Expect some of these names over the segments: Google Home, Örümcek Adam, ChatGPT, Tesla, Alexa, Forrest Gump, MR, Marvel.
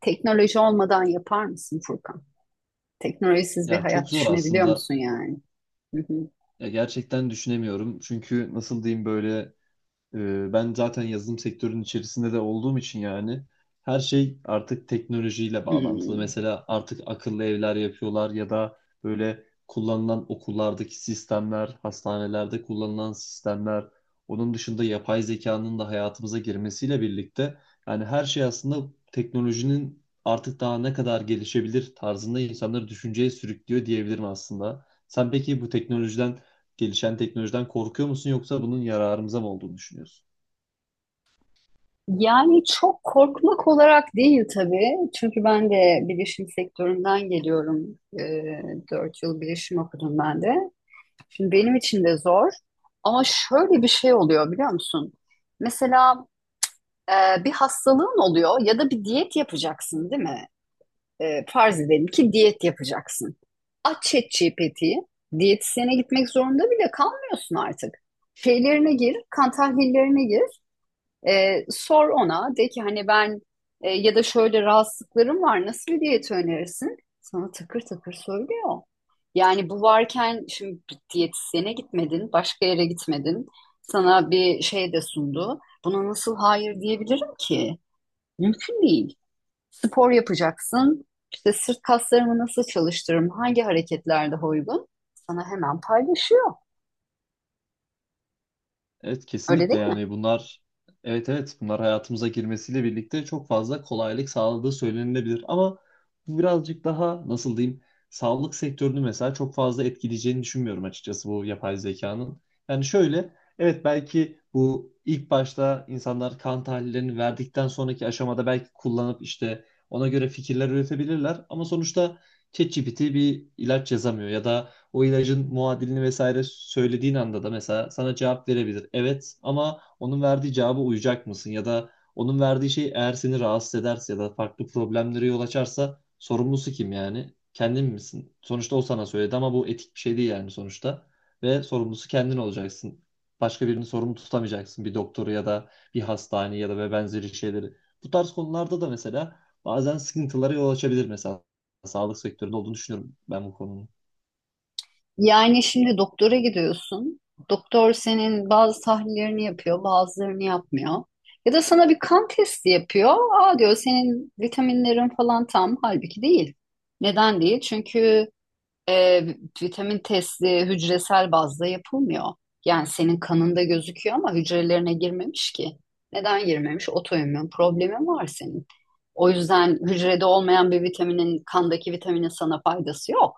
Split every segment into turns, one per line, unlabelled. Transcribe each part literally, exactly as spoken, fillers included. Teknoloji olmadan yapar mısın Furkan? Teknolojisiz bir
Ya çok
hayat
zor
düşünebiliyor
aslında.
musun yani? Hı hı.
Ya gerçekten düşünemiyorum. Çünkü nasıl diyeyim böyle ee, Ben zaten yazılım sektörünün içerisinde de olduğum için yani her şey artık teknolojiyle bağlantılı.
Hmm.
Mesela artık akıllı evler yapıyorlar ya da böyle kullanılan okullardaki sistemler, hastanelerde kullanılan sistemler, onun dışında yapay zekanın da hayatımıza girmesiyle birlikte yani her şey aslında teknolojinin artık daha ne kadar gelişebilir tarzında insanları düşünceye sürüklüyor diyebilirim aslında. Sen peki bu teknolojiden gelişen teknolojiden korkuyor musun yoksa bunun yararımıza mı olduğunu düşünüyorsun?
Yani çok korkmak olarak değil tabii. Çünkü ben de bilişim sektöründen geliyorum. Ee, dört yıl bilişim okudum ben de. Şimdi benim için de zor. Ama şöyle bir şey oluyor biliyor musun? Mesela e, bir hastalığın oluyor ya da bir diyet yapacaksın değil mi? e, farz edelim ki diyet yapacaksın. Aç ChatGPT'yi. Diyetisyene gitmek zorunda bile kalmıyorsun artık. Şeylerine gir, kan tahlillerine gir. E, sor ona. De ki hani ben e, ya da şöyle rahatsızlıklarım var. Nasıl bir diyet önerirsin? Sana takır takır söylüyor. Yani bu varken şimdi bir diyetisyene gitmedin, başka yere gitmedin. Sana bir şey de sundu. Buna nasıl hayır diyebilirim ki? Mümkün değil. Spor yapacaksın. İşte sırt kaslarımı nasıl çalıştırırım? Hangi hareketlerde uygun? Sana hemen paylaşıyor.
Evet,
Öyle
kesinlikle,
değil mi?
yani bunlar, evet evet, bunlar hayatımıza girmesiyle birlikte çok fazla kolaylık sağladığı söylenilebilir ama bu birazcık daha nasıl diyeyim, sağlık sektörünü mesela çok fazla etkileyeceğini düşünmüyorum açıkçası, bu yapay zekanın. Yani şöyle, evet, belki bu ilk başta insanlar kan tahlillerini verdikten sonraki aşamada belki kullanıp işte ona göre fikirler üretebilirler ama sonuçta ChatGPT bir ilaç yazamıyor ya da o ilacın muadilini vesaire söylediğin anda da mesela sana cevap verebilir. Evet, ama onun verdiği cevaba uyacak mısın? Ya da onun verdiği şey eğer seni rahatsız ederse ya da farklı problemlere yol açarsa sorumlusu kim yani? Kendin misin? Sonuçta o sana söyledi ama bu etik bir şey değil yani sonuçta. Ve sorumlusu kendin olacaksın. Başka birini sorumlu tutamayacaksın. Bir doktoru ya da bir hastane ya da ve benzeri şeyleri. Bu tarz konularda da mesela bazen sıkıntılara yol açabilir mesela. Sağlık sektöründe olduğunu düşünüyorum ben bu konunun.
Yani şimdi doktora gidiyorsun. Doktor senin bazı tahlillerini yapıyor, bazılarını yapmıyor. Ya da sana bir kan testi yapıyor. Aa diyor senin vitaminlerin falan tam. Halbuki değil. Neden değil? Çünkü e, vitamin testi hücresel bazda yapılmıyor. Yani senin kanında gözüküyor ama hücrelerine girmemiş ki. Neden girmemiş? Otoimmün problemin var senin. O yüzden hücrede olmayan bir vitaminin, kandaki vitaminin sana faydası yok.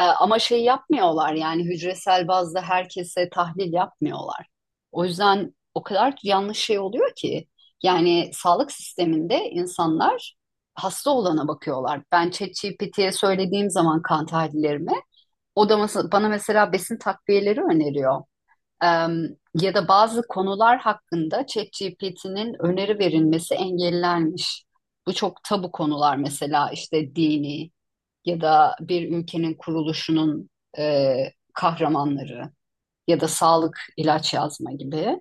E, ama şey yapmıyorlar yani hücresel bazda herkese tahlil yapmıyorlar. O yüzden o kadar yanlış şey oluyor ki. Yani sağlık sisteminde insanlar hasta olana bakıyorlar. Ben ChatGPT'ye ye söylediğim zaman kan tahlillerimi o da mes- bana mesela besin takviyeleri öneriyor. Em, ya da bazı konular hakkında ChatGPT'nin öneri verilmesi engellenmiş. Bu çok tabu konular mesela işte dini ya da bir ülkenin kuruluşunun e, kahramanları ya da sağlık ilaç yazma gibi.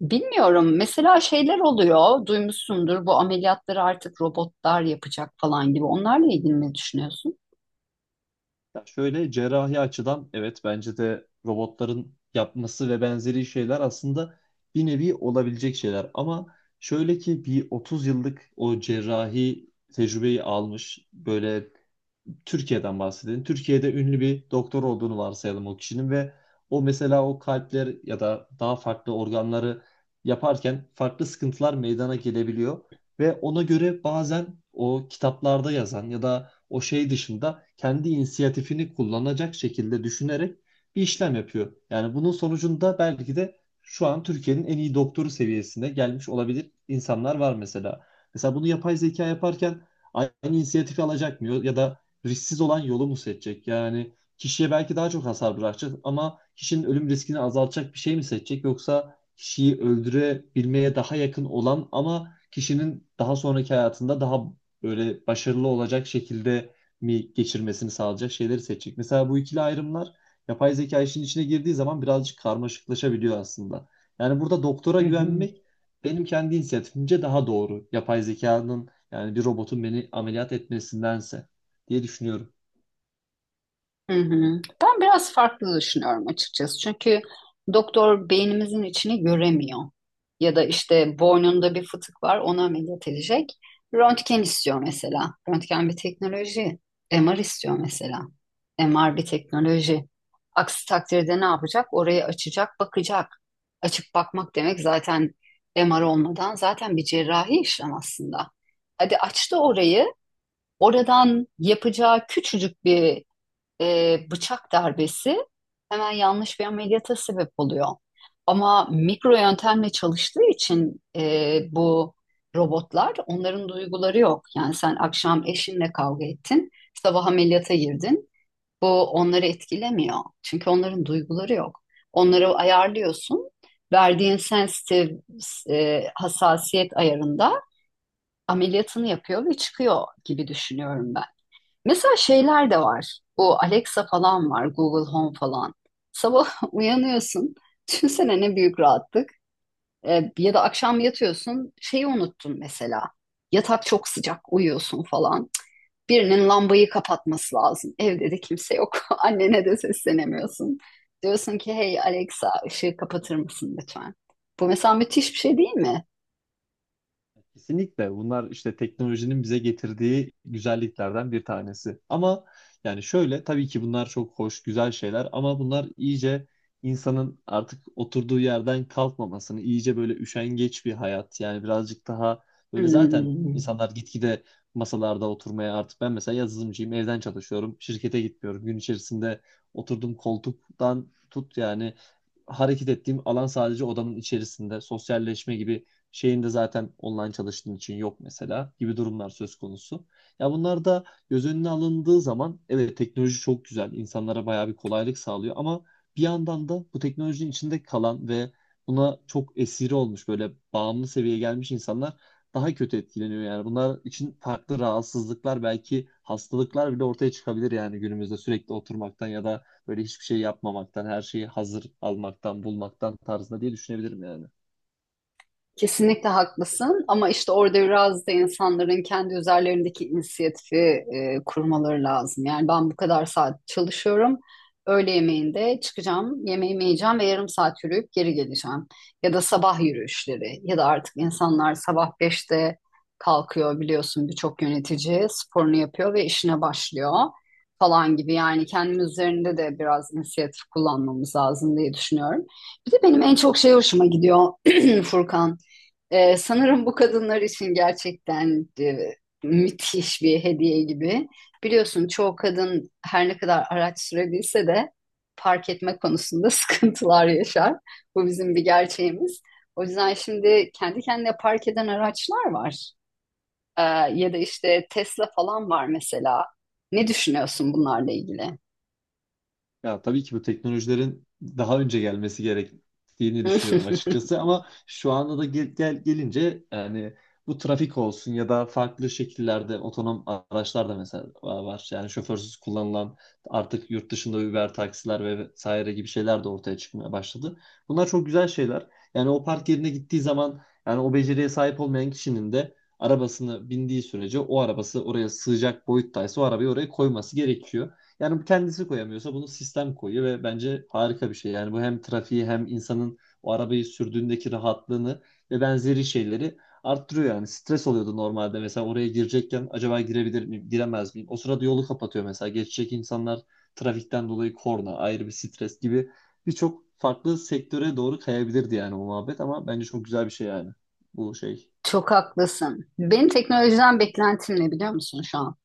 Bilmiyorum mesela şeyler oluyor duymuşsundur bu ameliyatları artık robotlar yapacak falan gibi. Onlarla ilgili ne düşünüyorsun?
Ya şöyle, cerrahi açıdan evet bence de robotların yapması ve benzeri şeyler aslında bir nevi olabilecek şeyler. Ama şöyle ki, bir otuz yıllık o cerrahi tecrübeyi almış, böyle Türkiye'den bahsedelim. Türkiye'de ünlü bir doktor olduğunu varsayalım o kişinin, ve o mesela o kalpler ya da daha farklı organları yaparken farklı sıkıntılar meydana gelebiliyor ve ona göre bazen o kitaplarda yazan ya da o şey dışında kendi inisiyatifini kullanacak şekilde düşünerek bir işlem yapıyor. Yani bunun sonucunda belki de şu an Türkiye'nin en iyi doktoru seviyesine gelmiş olabilir insanlar var mesela. Mesela bunu yapay zeka yaparken aynı inisiyatifi alacak mı, ya da risksiz olan yolu mu seçecek? Yani kişiye belki daha çok hasar bırakacak ama kişinin ölüm riskini azaltacak bir şey mi seçecek? Yoksa kişiyi öldürebilmeye daha yakın olan ama kişinin daha sonraki hayatında daha böyle başarılı olacak şekilde mi geçirmesini sağlayacak şeyleri seçecek? Mesela bu ikili ayrımlar yapay zeka işin içine girdiği zaman birazcık karmaşıklaşabiliyor aslında. Yani burada doktora
Hı hı.
güvenmek benim kendi inisiyatifimce daha doğru, yapay zekanın, yani bir robotun beni ameliyat etmesindense, diye düşünüyorum.
Hı hı. Ben biraz farklı düşünüyorum açıkçası. Çünkü doktor beynimizin içini göremiyor. Ya da işte boynunda bir fıtık var, ona ameliyat edecek. Röntgen istiyor mesela. Röntgen bir teknoloji. M R istiyor mesela. M R bir teknoloji. Aksi takdirde ne yapacak? Orayı açacak, bakacak. Açıp bakmak demek zaten M R olmadan zaten bir cerrahi işlem aslında. Hadi açtı orayı. Oradan yapacağı küçücük bir e, bıçak darbesi hemen yanlış bir ameliyata sebep oluyor. Ama mikro yöntemle çalıştığı için e, bu robotlar onların duyguları yok. Yani sen akşam eşinle kavga ettin, sabah ameliyata girdin. Bu onları etkilemiyor. Çünkü onların duyguları yok. Onları ayarlıyorsun. Verdiğin sensitive e, hassasiyet ayarında ameliyatını yapıyor ve çıkıyor gibi düşünüyorum. Mesela şeyler de var. Bu Alexa falan var, Google Home falan. Sabah uyanıyorsun. Düşünsene ne büyük rahatlık. Ee, ya da akşam yatıyorsun, şeyi unuttun mesela. Yatak çok sıcak, uyuyorsun falan. Cık, Birinin lambayı kapatması lazım. Evde de kimse yok. Annene de seslenemiyorsun. Diyorsun ki hey Alexa ışığı kapatır mısın lütfen? Bu mesela müthiş bir şey değil mi?
Kesinlikle bunlar işte teknolojinin bize getirdiği güzelliklerden bir tanesi. Ama yani şöyle, tabii ki bunlar çok hoş, güzel şeyler ama bunlar iyice insanın artık oturduğu yerden kalkmamasını, iyice böyle üşengeç bir hayat, yani birazcık daha böyle, zaten
Hmm.
insanlar gitgide masalarda oturmaya, artık ben mesela yazılımcıyım, evden çalışıyorum, şirkete gitmiyorum. Gün içerisinde oturduğum koltuktan tut, yani hareket ettiğim alan sadece odanın içerisinde, sosyalleşme gibi şeyinde zaten online çalıştığın için yok mesela, gibi durumlar söz konusu. Ya bunlar da göz önüne alındığı zaman evet teknoloji çok güzel, insanlara bayağı bir kolaylık sağlıyor ama bir yandan da bu teknolojinin içinde kalan ve buna çok esiri olmuş, böyle bağımlı seviyeye gelmiş insanlar daha kötü etkileniyor yani. Bunlar için farklı rahatsızlıklar, belki hastalıklar bile ortaya çıkabilir yani günümüzde, sürekli oturmaktan ya da böyle hiçbir şey yapmamaktan, her şeyi hazır almaktan, bulmaktan tarzında, diye düşünebilirim yani.
Kesinlikle haklısın ama işte orada biraz da insanların kendi üzerlerindeki inisiyatifi e, kurmaları lazım. Yani ben bu kadar saat çalışıyorum. Öğle yemeğinde çıkacağım, yemeğimi yiyeceğim ve yarım saat yürüyüp geri geleceğim. Ya da sabah yürüyüşleri ya da artık insanlar sabah beşte kalkıyor biliyorsun birçok yönetici sporunu yapıyor ve işine başlıyor falan gibi. Yani kendimiz üzerinde de biraz inisiyatif kullanmamız lazım diye düşünüyorum. Bir de benim en çok şey hoşuma gidiyor Furkan. Ee, sanırım bu kadınlar için gerçekten e, müthiş bir hediye gibi. Biliyorsun çoğu kadın her ne kadar araç sürebilse de park etme konusunda sıkıntılar yaşar. Bu bizim bir gerçeğimiz. O yüzden şimdi kendi kendine park eden araçlar var. Ee, ya da işte Tesla falan var mesela. Ne düşünüyorsun bunlarla ilgili?
Ya tabii ki bu teknolojilerin daha önce gelmesi gerektiğini düşünüyordum açıkçası ama şu anda da gel, gel- gelince yani, bu trafik olsun ya da farklı şekillerde otonom araçlar da mesela var. Yani şoförsüz kullanılan, artık yurt dışında Uber taksiler ve vesaire gibi şeyler de ortaya çıkmaya başladı. Bunlar çok güzel şeyler. Yani o park yerine gittiği zaman, yani o beceriye sahip olmayan kişinin de arabasını bindiği sürece, o arabası oraya sığacak boyuttaysa o arabayı oraya koyması gerekiyor. Yani bu kendisi koyamıyorsa bunu sistem koyuyor ve bence harika bir şey. Yani bu hem trafiği hem insanın o arabayı sürdüğündeki rahatlığını ve benzeri şeyleri arttırıyor yani. Stres oluyordu normalde, mesela oraya girecekken acaba girebilir miyim, giremez miyim? O sırada yolu kapatıyor mesela. Geçecek insanlar, trafikten dolayı korna, ayrı bir stres gibi birçok farklı sektöre doğru kayabilirdi yani o muhabbet, ama bence çok güzel bir şey yani bu şey.
Çok haklısın. Benim teknolojiden beklentim ne biliyor musun şu an?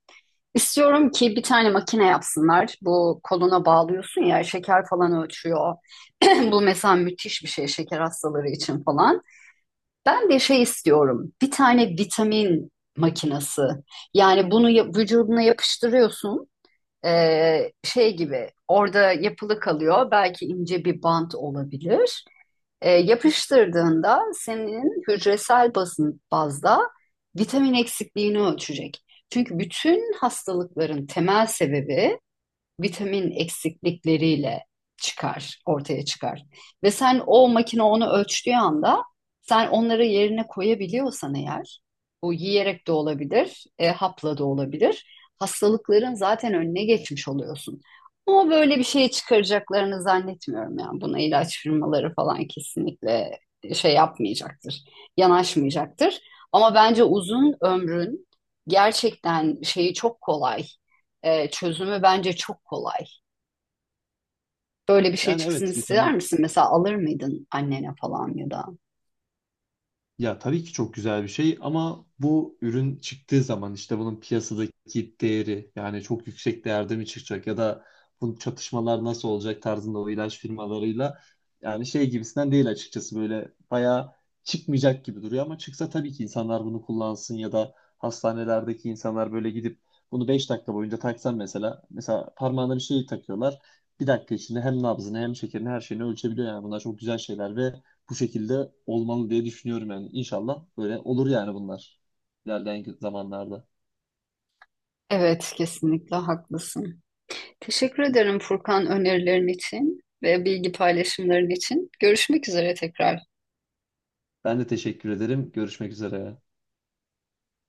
İstiyorum ki bir tane makine yapsınlar. Bu koluna bağlıyorsun ya şeker falan ölçüyor. Bu mesela müthiş bir şey şeker hastaları için falan. Ben de şey istiyorum. Bir tane vitamin makinesi. Yani bunu ya- vücuduna yapıştırıyorsun. Ee, şey gibi orada yapılı kalıyor. Belki ince bir bant olabilir. E, yapıştırdığında senin hücresel basın bazda vitamin eksikliğini ölçecek. Çünkü bütün hastalıkların temel sebebi vitamin eksiklikleriyle çıkar, ortaya çıkar. Ve sen o makine onu ölçtüğü anda sen onları yerine koyabiliyorsan eğer, bu yiyerek de olabilir, e, hapla da olabilir. Hastalıkların zaten önüne geçmiş oluyorsun. Ama böyle bir şey çıkaracaklarını zannetmiyorum yani. Buna ilaç firmaları falan kesinlikle şey yapmayacaktır, yanaşmayacaktır. Ama bence uzun ömrün gerçekten şeyi çok kolay e, çözümü bence çok kolay. Böyle bir şey
Yani
çıksın
evet,
ister
vitamin,
misin? Mesela alır mıydın annene falan ya da?
ya tabii ki çok güzel bir şey ama bu ürün çıktığı zaman işte bunun piyasadaki değeri yani çok yüksek değerde mi çıkacak ya da bu çatışmalar nasıl olacak tarzında o ilaç firmalarıyla, yani şey gibisinden değil açıkçası, böyle bayağı çıkmayacak gibi duruyor ama çıksa tabii ki insanlar bunu kullansın ya da hastanelerdeki insanlar böyle gidip bunu beş dakika boyunca taksan, mesela mesela parmağına bir şey takıyorlar, bir dakika içinde hem nabzını hem şekerini her şeyini ölçebiliyor, yani bunlar çok güzel şeyler ve bu şekilde olmalı diye düşünüyorum yani. İnşallah böyle olur yani bunlar ilerleyen zamanlarda.
Evet, kesinlikle haklısın. Teşekkür ederim Furkan önerilerin için ve bilgi paylaşımların için. Görüşmek üzere tekrar.
Ben de teşekkür ederim. Görüşmek üzere.